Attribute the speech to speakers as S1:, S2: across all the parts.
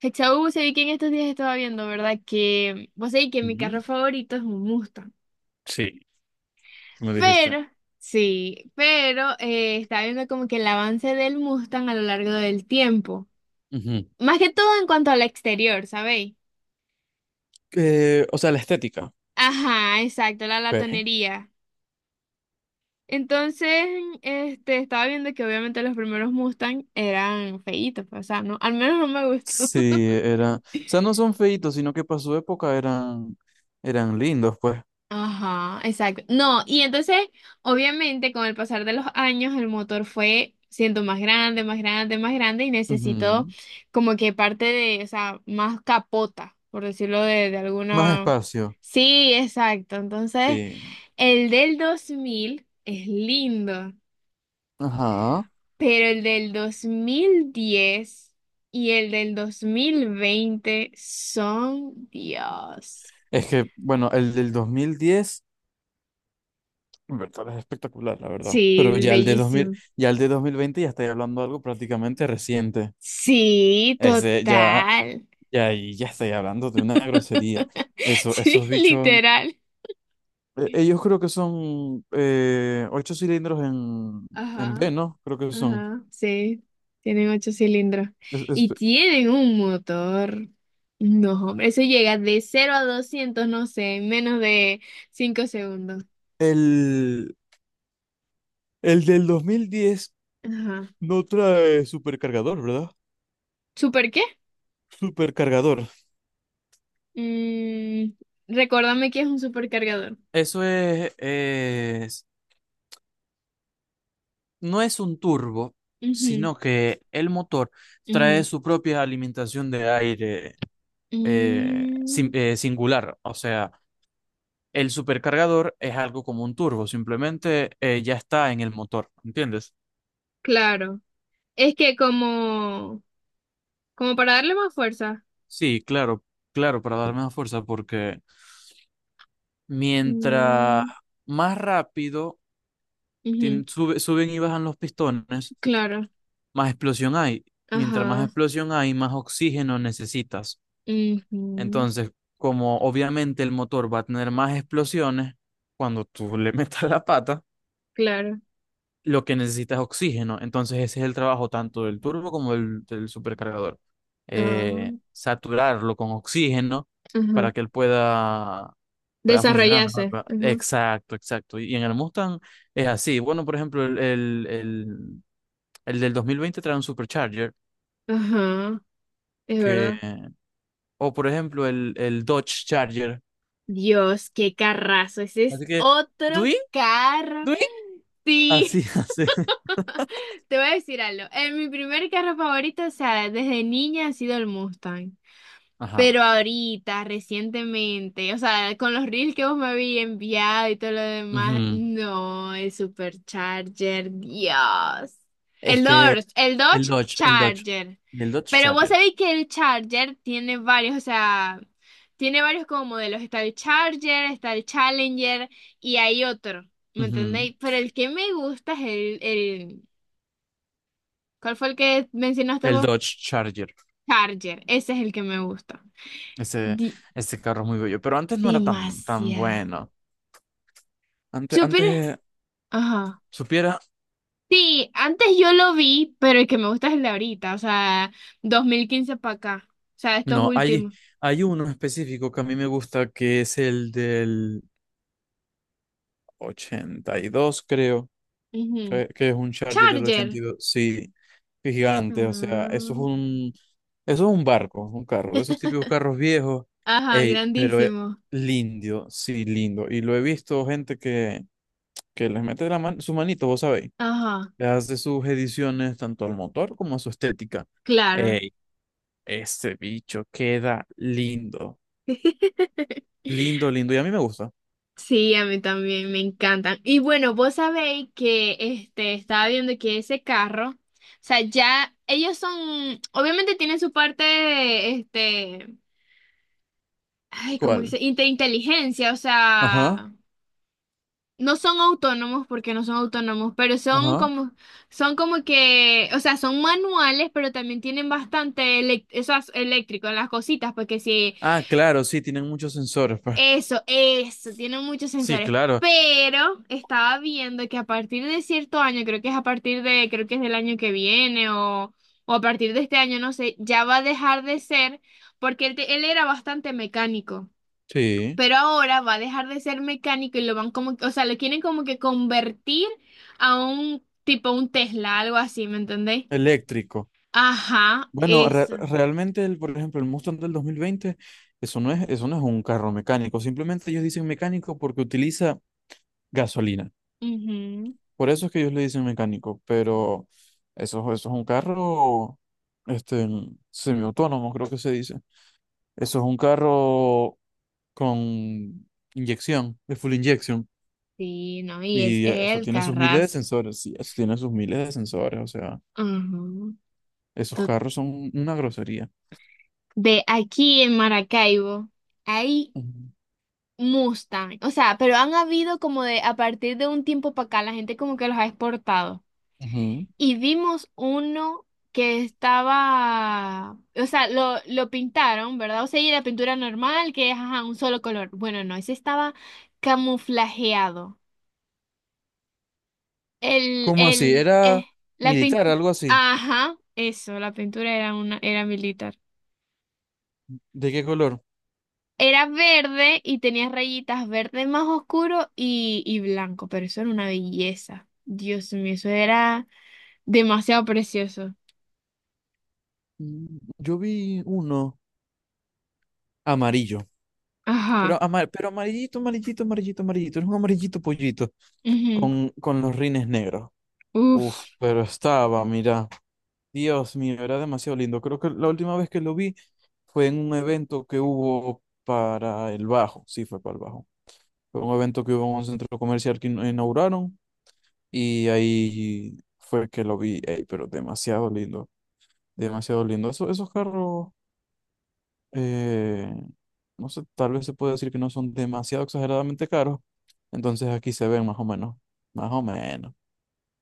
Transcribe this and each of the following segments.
S1: Hechau, se vi que en estos días estaba viendo, ¿verdad? Que vos sabés que mi
S2: Ujú.
S1: carro favorito es un Mustang.
S2: Sí, me dijiste.
S1: Pero, sí, pero estaba viendo como que el avance del Mustang a lo largo del tiempo.
S2: Ujú.
S1: Más que todo en cuanto al exterior, ¿sabéis?
S2: O sea, la estética.
S1: Ajá, exacto, la
S2: Ok.
S1: latonería. Entonces, estaba viendo que obviamente los primeros Mustang eran feitos, pues, o sea, no, al menos no me gustó.
S2: Sí, era. O sea, no son feitos, sino que para su época eran lindos, pues.
S1: Ajá, exacto. No, y entonces, obviamente, con el pasar de los años, el motor fue siendo más grande, más grande, más grande y necesitó
S2: Ujú.
S1: como que parte de, o sea, más capota, por decirlo de
S2: Más
S1: alguna...
S2: espacio.
S1: Sí, exacto. Entonces,
S2: Sí.
S1: el del 2000 es lindo,
S2: Ajá.
S1: pero el del 2010 y el del 2020 son, Dios.
S2: Es que, bueno, el del 2010, en verdad, es espectacular, la verdad. Pero
S1: Sí, bellísimo.
S2: ya el de 2020 ya estoy hablando de algo prácticamente reciente.
S1: Sí,
S2: Ese ya,
S1: total.
S2: ya ahí ya estoy hablando de una grosería. Eso,
S1: Sí,
S2: esos bichos,
S1: literal.
S2: ellos creo que son ocho cilindros en
S1: Ajá,
S2: B, ¿no? Creo que son.
S1: ajá, sí. Tienen ocho cilindros.
S2: Es- es-
S1: Y tienen un motor. No, hombre, eso llega de 0 a 200 no sé, en menos de 5 segundos.
S2: el, el del 2010
S1: Ajá.
S2: no trae supercargador, ¿verdad?
S1: ¿Super qué?
S2: Supercargador.
S1: Mm, Recuérdame que es un supercargador.
S2: Eso es, es- no es un turbo,
S1: Ujú,
S2: sino que el motor trae
S1: ujú.
S2: su propia alimentación de aire
S1: Mm,
S2: singular. O sea, el supercargador es algo como un turbo, simplemente ya está en el motor, ¿entiendes?
S1: claro. Es que como para darle más fuerza.
S2: Sí, claro, claro, para darme más fuerza, porque mientras
S1: Mm,
S2: más rápido
S1: ujú.
S2: suben y bajan los pistones,
S1: Claro,
S2: más explosión hay. Mientras más
S1: ajá,
S2: explosión hay, más oxígeno necesitas.
S1: ujú,
S2: Entonces, como obviamente el motor va a tener más explosiones, cuando tú le metas la pata,
S1: claro,
S2: lo que necesita es oxígeno. Entonces ese es el trabajo tanto del turbo como del supercargador.
S1: ah,
S2: Saturarlo con oxígeno
S1: ajá,
S2: para que él pueda funcionar mejor.
S1: desarrollarse, ajá,
S2: Exacto, exacto. Y en el Mustang es así. Bueno, por ejemplo, el del 2020 trae un supercharger
S1: ajá, es
S2: que,
S1: verdad.
S2: o por ejemplo, el Dodge Charger.
S1: Dios, qué carrazo, ese es
S2: Así que,
S1: otro
S2: ¿Dui?
S1: carro.
S2: ¿Dui? Así,
S1: Sí,
S2: así.
S1: te voy a decir algo. En mi primer carro favorito, o sea, desde niña ha sido el Mustang.
S2: Ajá.
S1: Pero ahorita, recientemente, o sea, con los reels que vos me habías enviado y todo lo demás,
S2: Ujú.
S1: no, el Supercharger, Dios.
S2: Es que
S1: El Dodge
S2: El Dodge.
S1: Charger.
S2: Y el Dodge
S1: Pero vos
S2: Charger.
S1: sabéis que el Charger tiene varios, o sea, tiene varios como modelos. Está el Charger, está el Challenger y hay otro, ¿me
S2: Ujú.
S1: entendéis? Pero el que me gusta es ¿cuál fue el que mencionaste
S2: El
S1: vos?
S2: Dodge Charger.
S1: Charger, ese es el que me gusta.
S2: Ese,
S1: Di-
S2: ese carro es muy bello. Pero antes no era tan, tan
S1: Demasiado.
S2: bueno. Antes
S1: Supieras- Ajá.
S2: supiera.
S1: Sí, antes yo lo vi, pero el que me gusta es el de ahorita, o sea, 2015 para acá, o sea, estos
S2: No, hay,
S1: últimos.
S2: hay uno específico que a mí me gusta que es el del 82 creo.
S1: Ujú.
S2: Que es un Charger del ochenta y
S1: Charger.
S2: dos Sí, qué gigante. O sea,
S1: Mm.
S2: eso es un barco, un carro. Esos típicos carros viejos.
S1: Ajá,
S2: Ey, pero es
S1: grandísimo.
S2: lindo. Sí, lindo. Y lo he visto gente que les mete la su manito, vos sabéis.
S1: Ajá,
S2: Le hace sus ediciones tanto al motor como a su estética.
S1: claro.
S2: Ey, este bicho queda lindo. Lindo, lindo. Y a mí me gusta.
S1: Sí, a mí también me encantan. Y bueno, vos sabéis que estaba viendo que ese carro, o sea, ya ellos son, obviamente tienen su parte, ay, como dice,
S2: ¿Cuál?
S1: inteligencia, o
S2: Ajá,
S1: sea, no son autónomos porque no son autónomos, pero son
S2: ajá.
S1: como, son como que, o sea, son manuales, pero también tienen bastante eso es eléctrico en las cositas, porque sí,
S2: Ah, claro, sí, tienen muchos sensores, pues.
S1: eso, tienen muchos
S2: Sí,
S1: sensores.
S2: claro.
S1: Pero estaba viendo que a partir de cierto año, creo que es a partir de, creo que es del año que viene o a partir de este año, no sé, ya va a dejar de ser, porque él era bastante mecánico.
S2: Sí,
S1: Pero ahora va a dejar de ser mecánico y lo van como, o sea, lo quieren como que convertir a un tipo un Tesla, algo así, ¿me entendéis?
S2: eléctrico.
S1: Ajá,
S2: Bueno,
S1: eso.
S2: realmente, el, por ejemplo, el Mustang del 2020, eso no es un carro mecánico. Simplemente ellos dicen mecánico porque utiliza gasolina.
S1: Ujú.
S2: Por eso es que ellos le dicen mecánico, pero eso es un carro este, semiautónomo, creo que se dice. Eso es un carro con inyección, de full injection.
S1: Sí, no, y es
S2: Y eso
S1: el
S2: tiene sus miles de
S1: Carras.
S2: sensores, sí, eso tiene sus miles de sensores, o sea,
S1: Ujú.
S2: esos
S1: To-
S2: carros son una grosería.
S1: De aquí en Maracaibo hay
S2: Ujú.
S1: Mustang, o sea, pero han habido como de a partir de un tiempo para acá, la gente como que los ha exportado.
S2: Ujú.
S1: Y vimos uno que estaba, o sea, lo pintaron, ¿verdad? O sea, y la pintura normal, que es ajá, un solo color. Bueno, no, ese estaba camuflajeado. El,
S2: ¿Cómo así?
S1: el,
S2: ¿Era
S1: eh, la
S2: militar,
S1: pintura,
S2: algo así?
S1: ajá, eso, la pintura era militar.
S2: ¿De qué color?
S1: Era verde y tenía rayitas verde más oscuro y blanco, pero eso era una belleza. Dios mío, eso era demasiado precioso.
S2: Yo vi uno amarillo,
S1: Ajá.
S2: pero, pero amarillito, amarillito, amarillito, amarillito, era un amarillito pollito
S1: Ujú.
S2: con los rines negros. Uf,
S1: Uf.
S2: pero estaba, mira, Dios mío, era demasiado lindo. Creo que la última vez que lo vi fue en un evento que hubo para el Bajo, sí, fue para el Bajo. Fue un evento que hubo en un centro comercial que inauguraron y ahí fue que lo vi. Ey, pero demasiado lindo, demasiado lindo. Esos carros, eh, no sé, tal vez se puede decir que no son demasiado exageradamente caros, entonces aquí se ven más o menos, más o menos.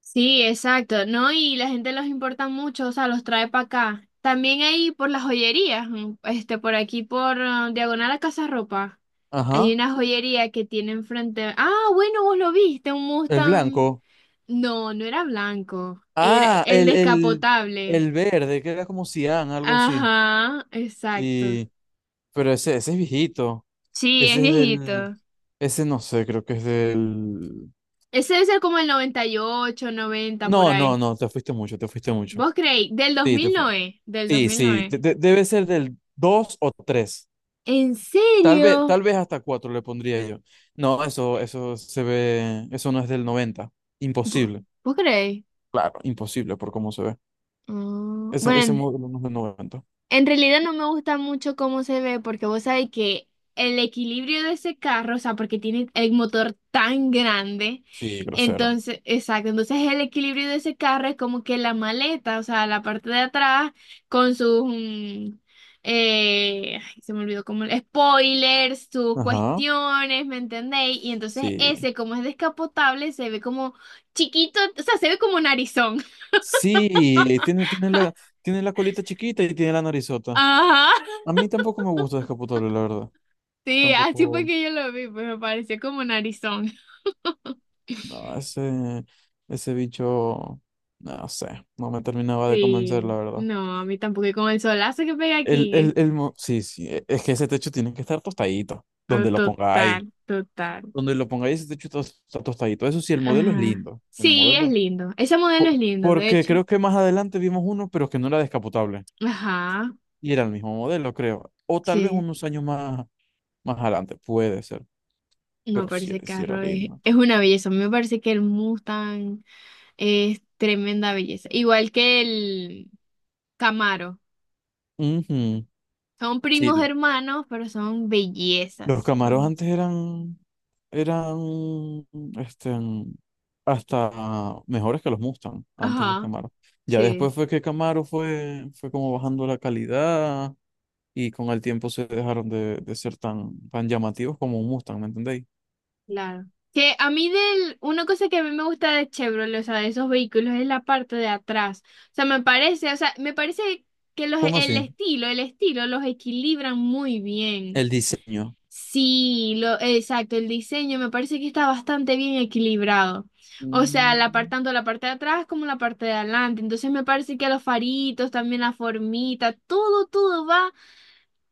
S1: Sí, exacto, ¿no? Y la gente los importa mucho, o sea, los trae para acá. También ahí por las joyerías, por aquí por Diagonal a Casa Ropa. Hay
S2: Ajá,
S1: una joyería que tiene enfrente. Ah, bueno, vos lo viste, un
S2: el
S1: Mustang.
S2: blanco.
S1: No, no era blanco, era
S2: Ah,
S1: el descapotable.
S2: el verde, que era como Cian, algo así.
S1: Ajá, exacto.
S2: Sí, pero ese es viejito.
S1: Sí, es
S2: Ese es del.
S1: viejito.
S2: Ese no sé, creo que es del.
S1: Ese debe ser como el 98, 90 por
S2: No, no,
S1: ahí.
S2: no, te fuiste mucho, te fuiste mucho.
S1: ¿Vos creéis? Del
S2: Sí, te fuiste.
S1: 2009, del
S2: Sí, sí,
S1: 2009.
S2: debe ser del 2 o 3.
S1: ¿En serio?
S2: Tal vez hasta 4 le pondría yo. No, eso se ve. Eso no es del noventa.
S1: Vo-
S2: Imposible.
S1: ¿Vos creéis?
S2: Claro, imposible por cómo se ve.
S1: Mm,
S2: Ese,
S1: bueno,
S2: ese
S1: en
S2: módulo no es del noventa.
S1: en realidad no me gusta mucho cómo se ve porque vos sabés que el equilibrio de ese carro, o sea, porque tiene el motor tan grande,
S2: Sí, grosero.
S1: entonces, exacto, entonces el equilibrio de ese carro es como que la maleta, o sea, la parte de atrás con sus, ay, se me olvidó como spoilers, sus
S2: Ajá.
S1: cuestiones, ¿me entendéis? Y entonces
S2: Sí.
S1: ese, como es descapotable, se ve como chiquito, o sea, se ve como narizón.
S2: Sí, tiene la colita chiquita y tiene la narizota.
S1: Ajá.
S2: A mí tampoco me gusta descapotable, la verdad.
S1: Sí, así fue
S2: Tampoco,
S1: que yo lo vi, pues me pareció como narizón.
S2: no, ese bicho, no sé, no me terminaba de convencer,
S1: Sí,
S2: la verdad.
S1: no, a mí tampoco, y con el solazo que pega
S2: El,
S1: aquí,
S2: el,
S1: ¿eh?
S2: el, mo- sí, sí, es que ese techo tiene que estar tostadito,
S1: Oh,
S2: donde lo pongáis.
S1: total, total.
S2: Donde lo pongáis, ese techo está tostadito. Eso sí, el modelo es
S1: Ajá.
S2: lindo, el
S1: Sí, es
S2: modelo.
S1: lindo. Ese modelo es lindo, de
S2: Porque
S1: hecho.
S2: creo que más adelante vimos uno, pero que no era descapotable.
S1: Ajá,
S2: Y era el mismo modelo, creo. O tal vez
S1: sí.
S2: unos años más. Más adelante puede ser,
S1: No,
S2: pero
S1: pero ese
S2: sí era
S1: carro es,
S2: lindo.
S1: es una belleza. A mí me parece que el Mustang es tremenda belleza. Igual que el Camaro.
S2: Ujú.
S1: Son
S2: Sí,
S1: primos hermanos, pero son
S2: los
S1: bellezas.
S2: Camaros
S1: Son...
S2: antes eran, este, hasta mejores que los Mustang, antes los
S1: Ajá,
S2: Camaros. Ya
S1: sí.
S2: después fue que Camaro fue como bajando la calidad y con el tiempo se dejaron de ser tan, tan llamativos como un Mustang, ¿me entendéis?
S1: Claro. Que a mí una cosa que a mí me gusta de Chevrolet, o sea, de esos vehículos, es la parte de atrás. O sea, me parece, o sea, me parece que los,
S2: ¿Cómo
S1: el
S2: así?
S1: estilo, el estilo los equilibran muy bien.
S2: El diseño.
S1: Sí, exacto, el diseño me parece que está bastante bien equilibrado. O sea,
S2: Mm,
S1: tanto la parte de atrás como la parte de adelante. Entonces me parece que los faritos, también la formita, todo va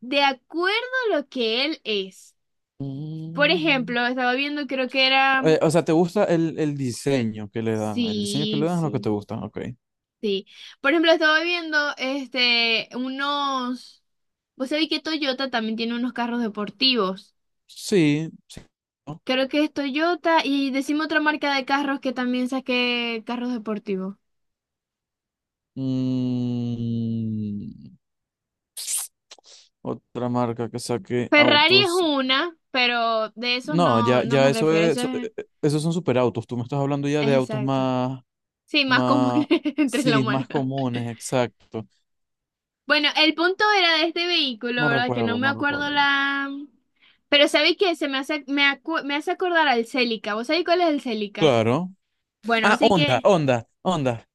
S1: de acuerdo a lo que él es. Por
S2: mm.
S1: ejemplo, estaba viendo, creo que era.
S2: O sea, ¿te gusta el diseño que le dan? El diseño que
S1: Sí,
S2: le dan es lo que te
S1: sí,
S2: gusta, ok.
S1: sí. Por ejemplo, estaba viendo unos. Vos sabés que Toyota también tiene unos carros deportivos.
S2: Sí, sí. ¿No?
S1: Creo que es Toyota y decimos otra marca de carros que también saque carros deportivos.
S2: Mm, otra marca que saque
S1: Ferrari es
S2: autos.
S1: una, pero de esos
S2: No,
S1: no,
S2: ya,
S1: no
S2: ya
S1: me
S2: eso
S1: refiero.
S2: es,
S1: Eso es,
S2: esos son superautos. Tú me estás hablando ya de
S1: es
S2: autos
S1: exacto. Sí, más común
S2: más,
S1: entre la
S2: sí, más
S1: humanidad.
S2: comunes, exacto.
S1: Bueno, el punto era de este vehículo,
S2: No
S1: ¿verdad? Que no
S2: recuerdo,
S1: me
S2: no
S1: acuerdo
S2: recuerdo.
S1: la... Pero ¿sabéis qué? Se me hace, me hace acordar al Celica. ¿Vos sabéis cuál es el Celica?
S2: Claro.
S1: Bueno,
S2: Ah,
S1: así
S2: Honda,
S1: que
S2: Honda, Honda.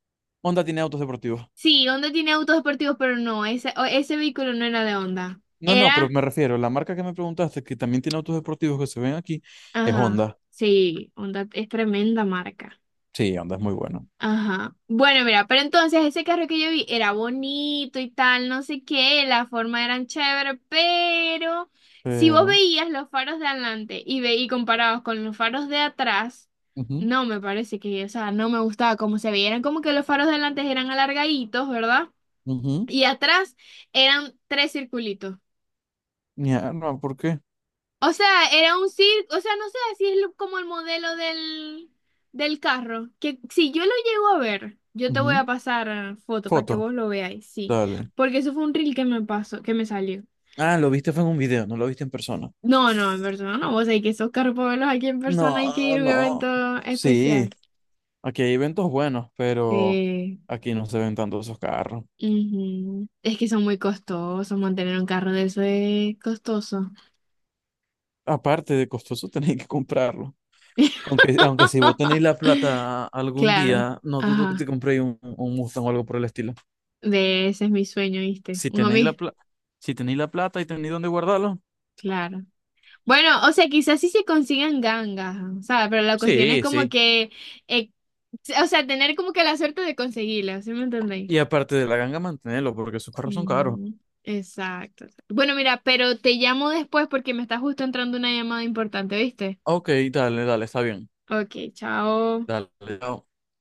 S2: Honda tiene autos deportivos.
S1: sí, Honda tiene autos deportivos, pero no, ese vehículo no era de Honda.
S2: No, no, pero
S1: Era...
S2: me refiero, la marca que me preguntaste, que también tiene autos deportivos que se ven aquí, es
S1: Ajá,
S2: Honda.
S1: sí, Honda es tremenda marca.
S2: Sí, Honda es muy bueno.
S1: Ajá. Bueno, mira, pero entonces ese carro que yo vi era bonito y tal, no sé qué, la forma eran chévere, pero si vos
S2: Pero.
S1: veías los faros de adelante y comparados con los faros de atrás,
S2: Ujú,
S1: no me parece que, o sea, no me gustaba cómo se veían, como que los faros de adelante eran alargaditos, ¿verdad?
S2: ujú.
S1: Y atrás eran tres circulitos.
S2: Ya no, ¿por qué?
S1: O sea, era un circo, o sea, no sé si es como el modelo del carro, que si yo lo llego a ver, yo te voy
S2: Ujú.
S1: a pasar foto para que
S2: Foto,
S1: vos lo veáis, sí,
S2: dale.
S1: porque eso fue un reel que me pasó, que me salió.
S2: Ah, lo viste fue en un video, no lo viste en persona.
S1: No, no, en persona no, vos sabés que esos carros para verlos aquí en persona hay que
S2: No,
S1: ir a un
S2: no.
S1: evento
S2: Sí,
S1: especial.
S2: aquí hay eventos buenos, pero
S1: Sí.
S2: aquí no se ven tanto esos carros.
S1: Ujú. Es que son muy costosos, mantener un carro de eso es costoso.
S2: Aparte de costoso, tenéis que comprarlo. Aunque si vos tenéis la plata algún
S1: Claro,
S2: día, no dudo que te
S1: ajá,
S2: compréis un Mustang o algo por el estilo.
S1: de ese es mi sueño, ¿viste?
S2: Si
S1: Un
S2: tenéis la
S1: amigo.
S2: plata, si tenéis la plata y tenéis dónde guardarlo,
S1: Claro. Bueno, o sea, quizás sí se consigan gangas, o sea, pero la cuestión es
S2: sí,
S1: como
S2: sí.
S1: que, eh, o sea, tener como que la suerte de conseguirlas, ¿sí me entendéis?
S2: Y aparte de la ganga, mantenerlo, porque esos carros son caros.
S1: Mm, exacto. Bueno, mira, pero te llamo después porque me está justo entrando una llamada importante, ¿viste?
S2: Ok, dale, dale, está bien.
S1: Ok, chao.
S2: Dale, chao.